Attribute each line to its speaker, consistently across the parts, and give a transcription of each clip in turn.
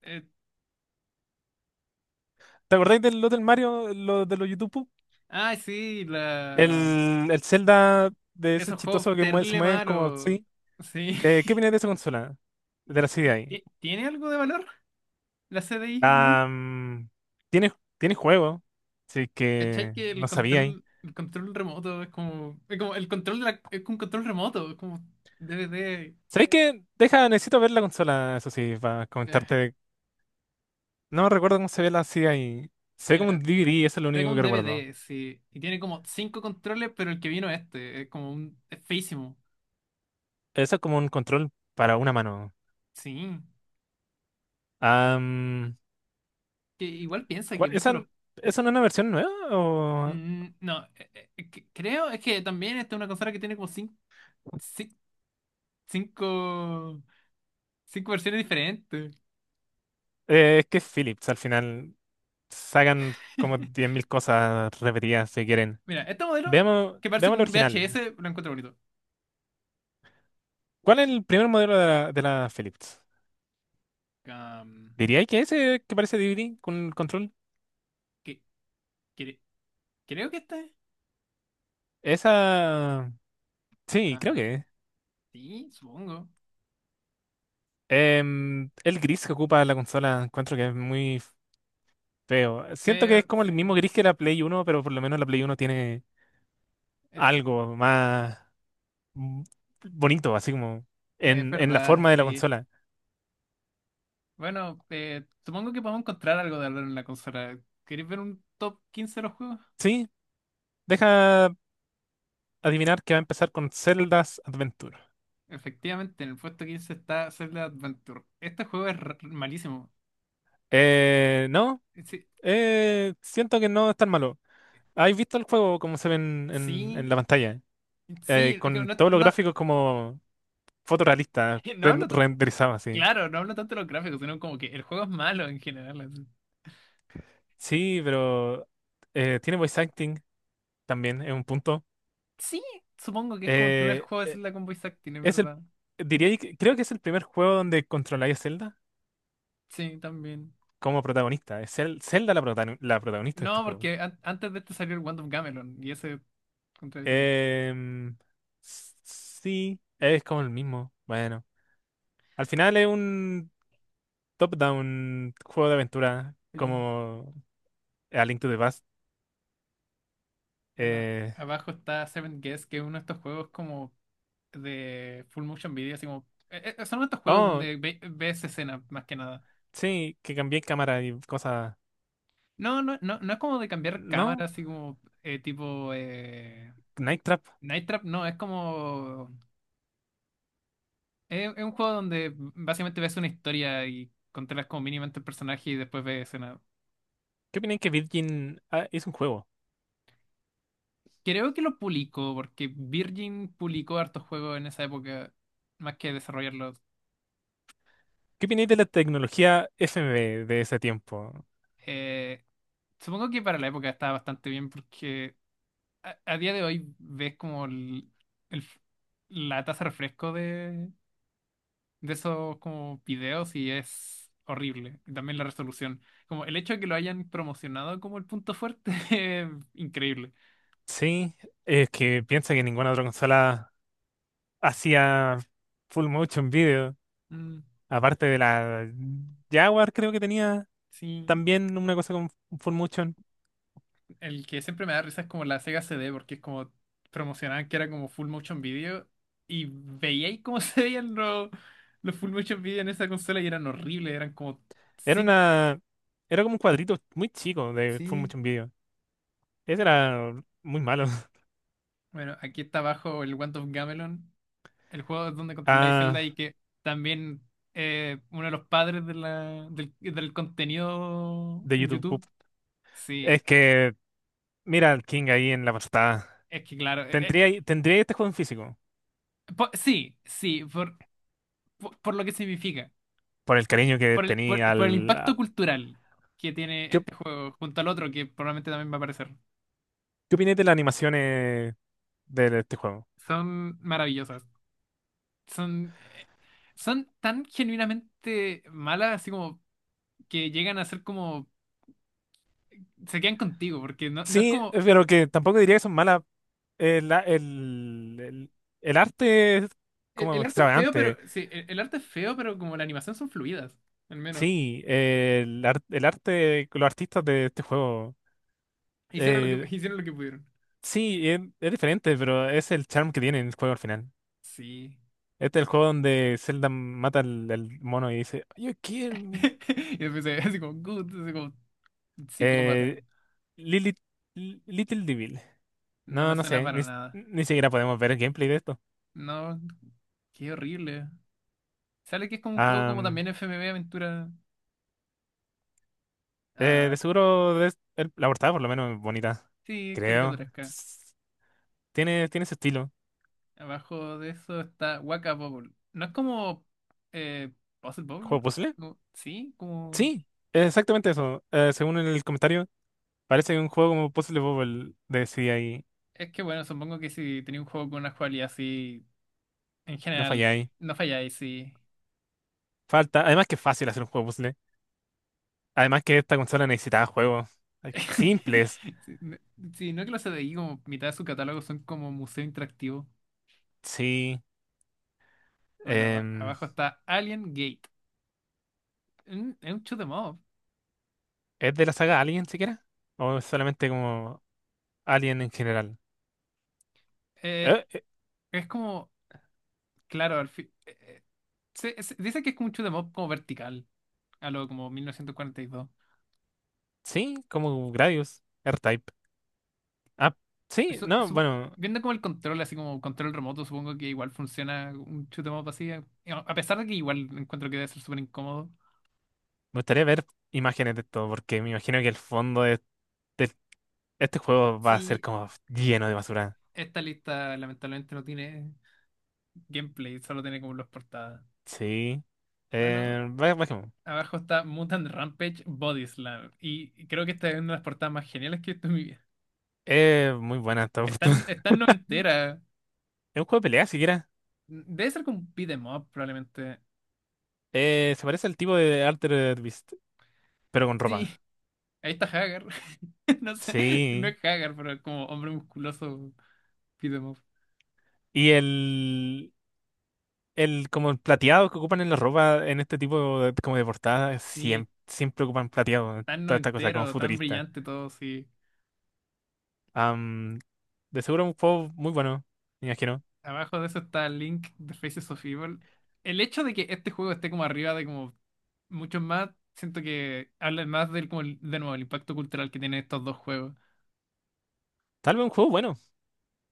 Speaker 1: Eh,
Speaker 2: ¿Te acordáis del lo del Mario, lo de los YouTube?
Speaker 1: ah, sí.
Speaker 2: El Zelda de ese
Speaker 1: Esos juegos
Speaker 2: chistoso que se
Speaker 1: terrible
Speaker 2: mueven como
Speaker 1: malos.
Speaker 2: sí.
Speaker 1: Sí.
Speaker 2: ¿Qué opinas de esa consola? De la CDI.
Speaker 1: ¿Tiene algo de valor la CDI, no?
Speaker 2: Ah, mm, tiene, tiene juego. Así
Speaker 1: ¿Cachai
Speaker 2: que
Speaker 1: que el
Speaker 2: no sabía ahí.
Speaker 1: control, el control remoto es como el control de es como un control remoto, es como D DVD.
Speaker 2: ¿Sabéis qué? Deja, necesito ver la consola, eso sí, para
Speaker 1: Ah,
Speaker 2: comentarte. No recuerdo cómo se ve la CDI. Se ve como un
Speaker 1: mira,
Speaker 2: DVD, eso es lo
Speaker 1: es
Speaker 2: único
Speaker 1: como un
Speaker 2: que
Speaker 1: D V
Speaker 2: recuerdo.
Speaker 1: D sí. Y tiene como cinco controles, pero el que vino este es como un es feísimo.
Speaker 2: Eso es como un control para una mano.
Speaker 1: Sí.
Speaker 2: Ah, mm,
Speaker 1: Que igual piensa que muchos
Speaker 2: ¿Esa,
Speaker 1: los
Speaker 2: esa no es una versión nueva? ¿O?
Speaker 1: No, creo es que también esta es una consola que tiene como cinco, cinco versiones diferentes.
Speaker 2: Es que es Philips, al final sacan como diez mil cosas repetidas si quieren.
Speaker 1: Mira, este modelo
Speaker 2: Veamos,
Speaker 1: que parece
Speaker 2: veamos el
Speaker 1: como un
Speaker 2: original.
Speaker 1: VHS lo encuentro bonito.
Speaker 2: ¿Cuál es el primer modelo de la Philips?
Speaker 1: Am,
Speaker 2: ¿Diría que ese que parece DVD con el control?
Speaker 1: que, cre- Creo que este.
Speaker 2: Esa... Sí, creo
Speaker 1: Ah,
Speaker 2: que... es.
Speaker 1: sí, supongo.
Speaker 2: El gris que ocupa la consola encuentro que es muy feo. Siento que es
Speaker 1: Feo,
Speaker 2: como el mismo
Speaker 1: sí.
Speaker 2: gris que la Play Uno, pero por lo menos la Play Uno tiene
Speaker 1: Este,
Speaker 2: algo más mm, bonito, así como
Speaker 1: es
Speaker 2: en la
Speaker 1: verdad,
Speaker 2: forma de la
Speaker 1: sí.
Speaker 2: consola.
Speaker 1: Bueno, supongo que podemos encontrar algo de hablar en la consola. ¿Queréis ver un top 15 de los juegos?
Speaker 2: Sí, deja... adivinar que va a empezar con Zelda's Adventure.
Speaker 1: Efectivamente, en el puesto 15 está Zelda Adventure. Este juego es malísimo.
Speaker 2: No,
Speaker 1: Sí,
Speaker 2: siento que no es tan malo. ¿Has visto el juego como se ve en
Speaker 1: sí,
Speaker 2: la pantalla?
Speaker 1: sí, es que
Speaker 2: Con
Speaker 1: no,
Speaker 2: todos los
Speaker 1: no,
Speaker 2: gráficos como fotorrealistas,
Speaker 1: no hablo.
Speaker 2: renderizados así.
Speaker 1: Claro, no hablo tanto de los gráficos, sino como que el juego es malo en general, así.
Speaker 2: Sí, pero tiene voice acting también, es un punto.
Speaker 1: Sí, supongo que es como el primer
Speaker 2: Eh,
Speaker 1: juego de Zelda con voice acting, es
Speaker 2: es el,
Speaker 1: verdad.
Speaker 2: diría, creo que es el primer juego donde controláis a Zelda
Speaker 1: Sí, también.
Speaker 2: como protagonista. Es Zelda la, la protagonista de este
Speaker 1: No,
Speaker 2: juego.
Speaker 1: porque antes de este salió el Wand of Gamelon y ese contra el Zelda.
Speaker 2: Em, sí, es como el mismo. Bueno, al final es un top-down juego de aventura
Speaker 1: Sí.
Speaker 2: como A Link to the Past.
Speaker 1: Bueno,
Speaker 2: Eh,
Speaker 1: abajo está Seven Guess, que es uno de estos juegos como de full motion video, así como son estos juegos
Speaker 2: oh,
Speaker 1: donde ves escenas más que nada.
Speaker 2: sí, que cambié cámara y cosas.
Speaker 1: No, no, no, no es como de cambiar cámara,
Speaker 2: No,
Speaker 1: así como tipo
Speaker 2: Night Trap.
Speaker 1: Night Trap, no, es un juego donde básicamente ves una historia y controlas como mínimamente el personaje y después ves escena.
Speaker 2: ¿Qué opináis que Virgin ah, es un juego?
Speaker 1: Creo que lo publicó, porque Virgin publicó hartos juegos en esa época, más que desarrollarlos.
Speaker 2: ¿Qué opináis de la tecnología FMV de ese tiempo?
Speaker 1: Eh, Supongo que para la época estaba bastante bien, porque a día de hoy ves como el f- la tasa de refresco de esos como videos y es horrible. Y también la resolución. Como el hecho de que lo hayan promocionado como el punto fuerte es increíble.
Speaker 2: Sí, es que piensa que ninguna otra consola hacía full motion video,
Speaker 1: Mm.
Speaker 2: aparte de la Jaguar creo que tenía.
Speaker 1: Sí,
Speaker 2: También una cosa con Full Motion.
Speaker 1: el que siempre me da risa es como la Sega CD, porque es como promocionaban que era como full motion video y veíais cómo se veían los full motion video en esa consola y eran horribles, eran como
Speaker 2: Era
Speaker 1: cinco.
Speaker 2: una. Era como un cuadrito muy chico de Full
Speaker 1: Sí,
Speaker 2: Motion Video. Ese era muy malo.
Speaker 1: bueno, aquí está abajo el Wand of Gamelon, el juego donde controláis Zelda
Speaker 2: Ah,
Speaker 1: y que también uno de los padres del contenido
Speaker 2: de
Speaker 1: en
Speaker 2: YouTube Poop.
Speaker 1: YouTube. Sí,
Speaker 2: Es que, mira al King ahí en la portada.
Speaker 1: es que claro,
Speaker 2: Tendría, tendría este juego en físico.
Speaker 1: sí, sí, por lo que significa.
Speaker 2: Por el cariño que
Speaker 1: por el, por,
Speaker 2: tenía
Speaker 1: por el
Speaker 2: al.
Speaker 1: impacto
Speaker 2: A-
Speaker 1: cultural que tiene
Speaker 2: ¿Qué, op-
Speaker 1: este juego junto al otro que probablemente también va a aparecer.
Speaker 2: ¿Qué opináis de las animaciones de este juego?
Speaker 1: Son maravillosas. Son, eh, son tan genuinamente malas, así como que llegan a ser como. Se quedan contigo, porque no, no es
Speaker 2: Sí,
Speaker 1: como.
Speaker 2: pero que tampoco diría que son malas. El, el, el, el arte es
Speaker 1: El,
Speaker 2: como
Speaker 1: el arte es feo, pero.
Speaker 2: extravagante.
Speaker 1: Sí, el arte es feo, pero como la animación son fluidas, al menos.
Speaker 2: Sí, el arte, los artistas de este juego.
Speaker 1: Hicieron lo
Speaker 2: eh,
Speaker 1: que, hicieron lo que pudieron.
Speaker 2: sí, es diferente, pero es el charm que tiene el juego al final.
Speaker 1: Sí.
Speaker 2: Este es el juego donde Zelda mata al mono y dice, "You kill me".
Speaker 1: Y después se ve así como "Gut", así como psicópata.
Speaker 2: Eh, Lilith- Little Devil.
Speaker 1: No
Speaker 2: No,
Speaker 1: me
Speaker 2: no
Speaker 1: suena
Speaker 2: sé,
Speaker 1: para nada.
Speaker 2: ni siquiera podemos ver el gameplay de esto.
Speaker 1: No, qué horrible. Sale que es como un juego como
Speaker 2: Am,
Speaker 1: también FMV Aventura. Ah,
Speaker 2: de seguro la portada por lo menos es bonita,
Speaker 1: sí, es
Speaker 2: creo.
Speaker 1: caricaturesca.
Speaker 2: Tiene, tiene ese estilo.
Speaker 1: Abajo de eso está Waka Bubble. No es como eh, Puzzle Bobble.
Speaker 2: ¿Juego puzzle?
Speaker 1: Sí, como.
Speaker 2: Sí, exactamente eso. Según el comentario. Parece que un juego como Puzzle Bobble de CDI.
Speaker 1: Es que bueno, supongo que si tenía un juego con una jugabilidad así, en
Speaker 2: No
Speaker 1: general,
Speaker 2: falláis.
Speaker 1: no falláis, sí.
Speaker 2: Falta. Además que es fácil hacer un juego puzzle. Además que esta consola necesitaba juegos simples.
Speaker 1: Sí, no, sí, no, que los CDI, como mitad de su catálogo son como museo interactivo.
Speaker 2: Sí.
Speaker 1: Bueno,
Speaker 2: Em,
Speaker 1: abajo está Alien Gate. Es un shoot 'em up.
Speaker 2: ¿Es de la saga Alien siquiera? ¿O es solamente como Alien en general?
Speaker 1: Eh,
Speaker 2: Eh, eh,
Speaker 1: es como, claro, al fin. Dice que es como un shoot 'em up como vertical, a lo como 1942.
Speaker 2: sí, como Gradius, R-Type. Ah, sí,
Speaker 1: Eso,
Speaker 2: no, bueno,
Speaker 1: viendo como el control, así como control remoto, supongo que igual funciona un shoot 'em up así. A pesar de que igual encuentro que debe ser súper incómodo.
Speaker 2: me gustaría ver imágenes de esto, porque me imagino que el fondo de este juego va a ser
Speaker 1: Sí,
Speaker 2: como lleno de basura.
Speaker 1: esta lista lamentablemente no tiene gameplay, solo tiene como los portadas.
Speaker 2: Sí.
Speaker 1: Bueno,
Speaker 2: Bajemos.
Speaker 1: abajo está Mutant Rampage Body Slam. Y creo que esta es una de las portadas más geniales que he visto en mi vida.
Speaker 2: Es muy buena esta
Speaker 1: Está,
Speaker 2: oportunidad.
Speaker 1: en- está en noventera.
Speaker 2: Es un juego de pelea siquiera.
Speaker 1: Debe ser como un beat 'em up, probablemente.
Speaker 2: Se parece al tipo de Altered Beast, pero con
Speaker 1: Sí,
Speaker 2: ropa.
Speaker 1: ahí está Hagar. No sé, no
Speaker 2: Sí.
Speaker 1: es Hagar, pero es como hombre musculoso, beat 'em up.
Speaker 2: Y el, el como el plateado que ocupan en la ropa en este tipo de, como de portada,
Speaker 1: Sí,
Speaker 2: siempre, siempre ocupan plateado.
Speaker 1: tan
Speaker 2: Toda esta cosa como
Speaker 1: noventero, tan
Speaker 2: futurista.
Speaker 1: brillante todo, sí.
Speaker 2: Am, de seguro un juego muy bueno, me imagino.
Speaker 1: Abajo de eso está Link de Faces of Evil. El hecho de que este juego esté como arriba de como muchos más, siento que habla más del como de nuevo el impacto cultural que tienen estos dos juegos.
Speaker 2: Tal vez un juego bueno.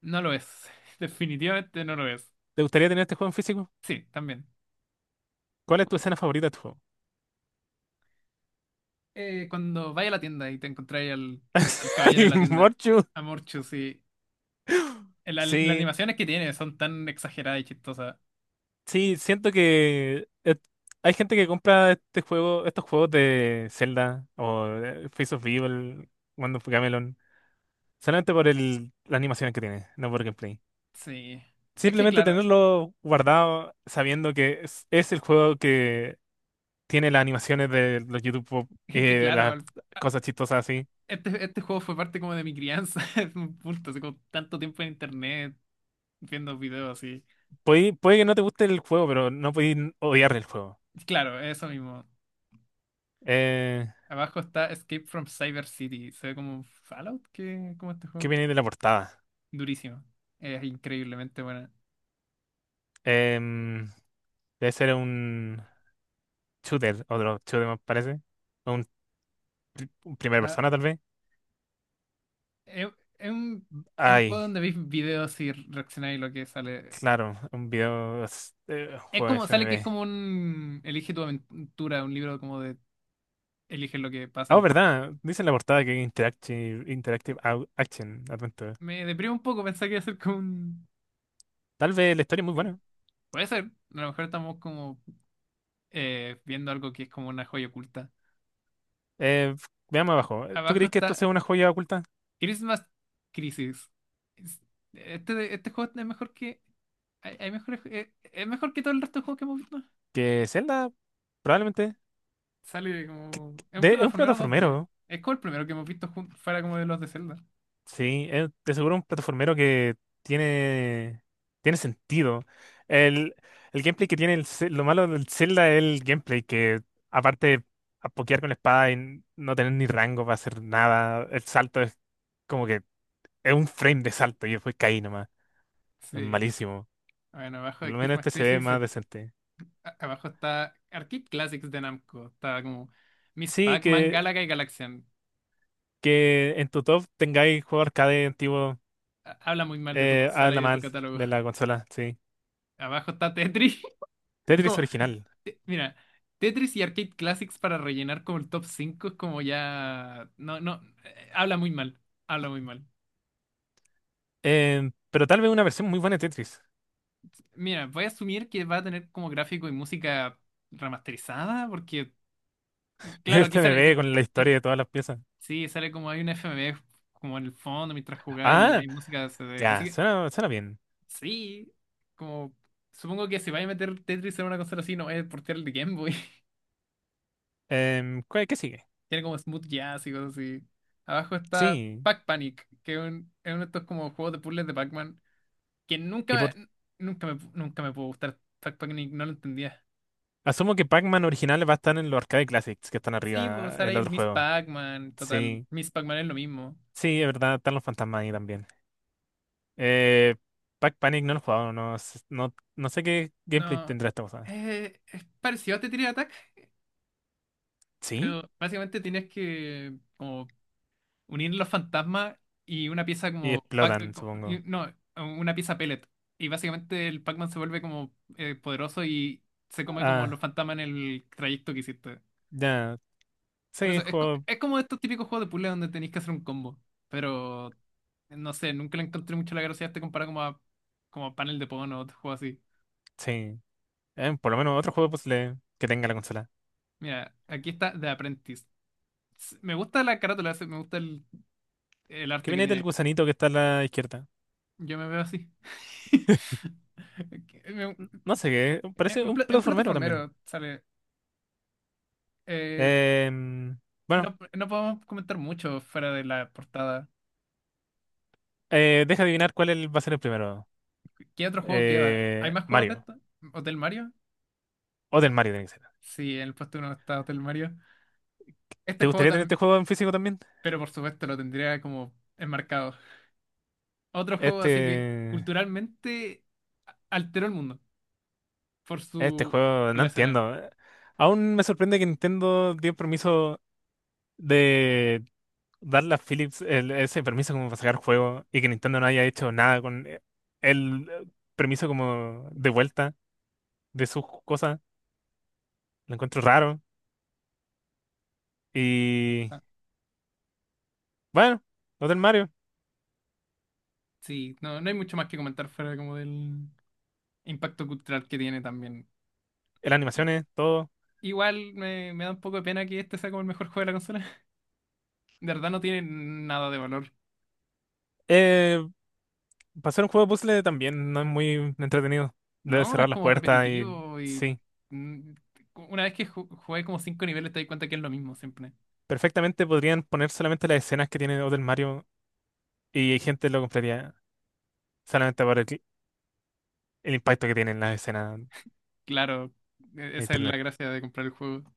Speaker 1: No lo es. Definitivamente no lo es.
Speaker 2: ¿Te gustaría tener este juego en físico?
Speaker 1: Sí, también.
Speaker 2: ¿Cuál es tu escena favorita de tu juego?
Speaker 1: Cuando vaya a la tienda y te encontráis al caballero de
Speaker 2: ¿El
Speaker 1: la tienda,
Speaker 2: Morchu?
Speaker 1: Amorcho, sí. Las
Speaker 2: Sí.
Speaker 1: animaciones que tiene son tan exageradas y chistosas.
Speaker 2: Sí, siento que hay gente que compra este juego, estos juegos de Zelda o de Face of Evil, Wand of Gamelon, solamente por el, las animaciones que tiene, no por gameplay.
Speaker 1: Sí. Es que
Speaker 2: Simplemente
Speaker 1: claro,
Speaker 2: tenerlo guardado sabiendo que es el juego que tiene las animaciones de los YouTube Pop,
Speaker 1: es que
Speaker 2: las
Speaker 1: claro,
Speaker 2: cosas chistosas así.
Speaker 1: este juego fue parte como de mi crianza, es un punto, así como tanto tiempo en internet viendo videos así.
Speaker 2: Puede, puede que no te guste el juego, pero no podéis odiar el juego.
Speaker 1: Claro, eso mismo.
Speaker 2: Eh,
Speaker 1: Abajo está Escape from Cyber City. Se ve como Fallout, que como este juego.
Speaker 2: ¿Qué viene de la portada?
Speaker 1: Durísimo. Es increíblemente buena.
Speaker 2: Em, Debe ser un... shooter, otro shooter me parece. O Un, un primera
Speaker 1: Ah,
Speaker 2: persona tal vez.
Speaker 1: es, es un, es un juego
Speaker 2: Ay,
Speaker 1: donde veis videos y reaccionáis a lo que sale.
Speaker 2: claro, un
Speaker 1: Es
Speaker 2: juego
Speaker 1: como, sale que es
Speaker 2: FMV.
Speaker 1: como un Elige tu aventura, un libro como de eligen lo que
Speaker 2: Ah, oh,
Speaker 1: pasan.
Speaker 2: verdad, dice en la portada que Interactive, Action Adventure.
Speaker 1: Me deprime un poco pensar que iba a ser como un.
Speaker 2: Tal vez la historia es muy buena.
Speaker 1: Puede ser, a lo mejor estamos como viendo algo que es como una joya oculta.
Speaker 2: Eh, Veamos abajo. ¿Tú
Speaker 1: Abajo
Speaker 2: crees que esto
Speaker 1: está
Speaker 2: sea una joya oculta?
Speaker 1: Christmas Crisis. Es- este juego es mejor que. Es mejor que todo el resto de juegos que hemos visto.
Speaker 2: Que Zelda, probablemente.
Speaker 1: Sale como. Es un
Speaker 2: Es un
Speaker 1: plataformero 2D.
Speaker 2: plataformero.
Speaker 1: Es como el primero que hemos visto fuera como de los de Zelda.
Speaker 2: Sí, es de seguro un plataformero que tiene, tiene sentido. El, el gameplay que tiene lo malo del Zelda es el gameplay que aparte de a pokear con la espada y no tener ni rango para hacer nada, el salto es como que es un frame de salto y después caí nomás. Es
Speaker 1: Sí.
Speaker 2: malísimo.
Speaker 1: Bueno, abajo
Speaker 2: Por
Speaker 1: de
Speaker 2: lo menos
Speaker 1: Christmas
Speaker 2: este se ve
Speaker 1: Crisis
Speaker 2: más decente.
Speaker 1: abajo está Arcade Classics de Namco. Está como Miss
Speaker 2: Sí,
Speaker 1: Pac-Man, Galaga y Galaxian.
Speaker 2: que en tu top tengáis juego arcade antiguo
Speaker 1: Habla muy mal de tu
Speaker 2: a
Speaker 1: consola y
Speaker 2: la
Speaker 1: de tu
Speaker 2: mal
Speaker 1: catálogo.
Speaker 2: de la consola, sí.
Speaker 1: Abajo está Tetris.
Speaker 2: Tetris
Speaker 1: Como,
Speaker 2: original.
Speaker 1: Mira, Tetris y Arcade Classics para rellenar como el top 5 es como ya. No, no, habla muy mal. Habla muy mal.
Speaker 2: Pero tal vez una versión muy buena de Tetris.
Speaker 1: Mira, voy a asumir que va a tener como gráfico y música remasterizada porque, claro, aquí
Speaker 2: Este me
Speaker 1: sale.
Speaker 2: ve con la
Speaker 1: Eh,
Speaker 2: historia de todas las piezas.
Speaker 1: Sí, sale como hay una FMV como en el fondo mientras jugáis y
Speaker 2: Ah,
Speaker 1: hay música CD. Así
Speaker 2: ya,
Speaker 1: que
Speaker 2: suena, suena bien.
Speaker 1: sí, como supongo que si vais a meter Tetris en una consola así, no es portear el de Game Boy.
Speaker 2: Em, ¿qué sigue?
Speaker 1: Tiene como Smooth Jazz y cosas así. Abajo está
Speaker 2: Sí.
Speaker 1: Pac Panic, que es uno de estos como juegos de puzzles de Pac-Man, que
Speaker 2: Y
Speaker 1: nunca,
Speaker 2: por
Speaker 1: nunca me, nunca me pudo gustar Pac Panic, no lo entendía.
Speaker 2: Asumo que Pac-Man originales va a estar en los Arcade Classics que están
Speaker 1: Sí, pues
Speaker 2: arriba,
Speaker 1: sale
Speaker 2: el
Speaker 1: ahí
Speaker 2: otro
Speaker 1: Miss
Speaker 2: juego.
Speaker 1: Pac-Man, total,
Speaker 2: Sí,
Speaker 1: Miss Pac-Man es lo mismo.
Speaker 2: sí, es verdad, están los fantasmas ahí también. Eh, Pac Panic no lo he jugado, no, no, no sé qué gameplay
Speaker 1: No,
Speaker 2: tendrá esta cosa.
Speaker 1: es parecido a Tetris Attack,
Speaker 2: ¿Sí?
Speaker 1: pero básicamente tienes que como unir los fantasmas y una pieza
Speaker 2: Y
Speaker 1: como,
Speaker 2: explotan, supongo.
Speaker 1: no, una pieza pellet. Y básicamente el Pac-Man se vuelve como poderoso y se come como los
Speaker 2: Ah,
Speaker 1: fantasmas en el trayecto que hiciste.
Speaker 2: ya.
Speaker 1: Por
Speaker 2: Sí,
Speaker 1: eso,
Speaker 2: juego.
Speaker 1: es como estos típicos juegos de puzzle donde tenéis que hacer un combo. Pero, no sé, nunca le encontré mucho la gracia a este comparado como como a panel de Pon o otro juego así.
Speaker 2: Sí. Por lo menos otro juego de puzzle que tenga la consola.
Speaker 1: Mira, aquí está The Apprentice. Me gusta la carátula, me gusta el
Speaker 2: ¿Qué
Speaker 1: arte que
Speaker 2: viene del
Speaker 1: tiene.
Speaker 2: gusanito que está a la izquierda?
Speaker 1: Yo me veo así. Me,
Speaker 2: No sé qué.
Speaker 1: Es
Speaker 2: Parece
Speaker 1: un,
Speaker 2: un
Speaker 1: pla- es un
Speaker 2: platformero también.
Speaker 1: plataformero, sale. Eh,
Speaker 2: Em, bueno,
Speaker 1: no, no podemos comentar mucho fuera de la portada.
Speaker 2: deja adivinar va a ser el primero.
Speaker 1: ¿Qué otro juego queda? ¿Hay más juegos de
Speaker 2: Mario.
Speaker 1: esto? ¿Hotel Mario?
Speaker 2: O del Mario tiene que ser.
Speaker 1: Sí, en el puesto uno está Hotel Mario. Este
Speaker 2: ¿Te
Speaker 1: juego
Speaker 2: gustaría tener este
Speaker 1: también,
Speaker 2: juego en físico también?
Speaker 1: pero por supuesto lo tendría como enmarcado. Otro juego así que
Speaker 2: Este.
Speaker 1: culturalmente alteró el mundo por
Speaker 2: Este
Speaker 1: su
Speaker 2: juego,
Speaker 1: por
Speaker 2: no
Speaker 1: la escena.
Speaker 2: entiendo. Aún me sorprende que Nintendo dio permiso de darle a Philips ese permiso como para sacar juegos y que Nintendo no haya hecho nada con el permiso como de vuelta de sus cosas. Lo encuentro raro. Y
Speaker 1: Ah,
Speaker 2: bueno, lo del Mario.
Speaker 1: sí, no, no hay mucho más que comentar fuera como del impacto cultural que tiene también.
Speaker 2: Las
Speaker 1: I-
Speaker 2: animaciones, todo.
Speaker 1: Igual me da un poco de pena que este sea como el mejor juego de la consola. De verdad no tiene nada de valor.
Speaker 2: Eh, Pasar un juego de puzzle también no es muy entretenido. Debe
Speaker 1: No, es
Speaker 2: cerrar las
Speaker 1: como
Speaker 2: puertas y
Speaker 1: repetitivo y
Speaker 2: sí.
Speaker 1: mm, una vez que jugué como cinco niveles te das cuenta que es lo mismo siempre.
Speaker 2: Perfectamente podrían poner solamente las escenas que tiene Hotel Mario y hay gente lo compraría solamente por el impacto que tienen las escenas en
Speaker 1: Claro, esa es la
Speaker 2: internet.
Speaker 1: gracia de comprar el juego.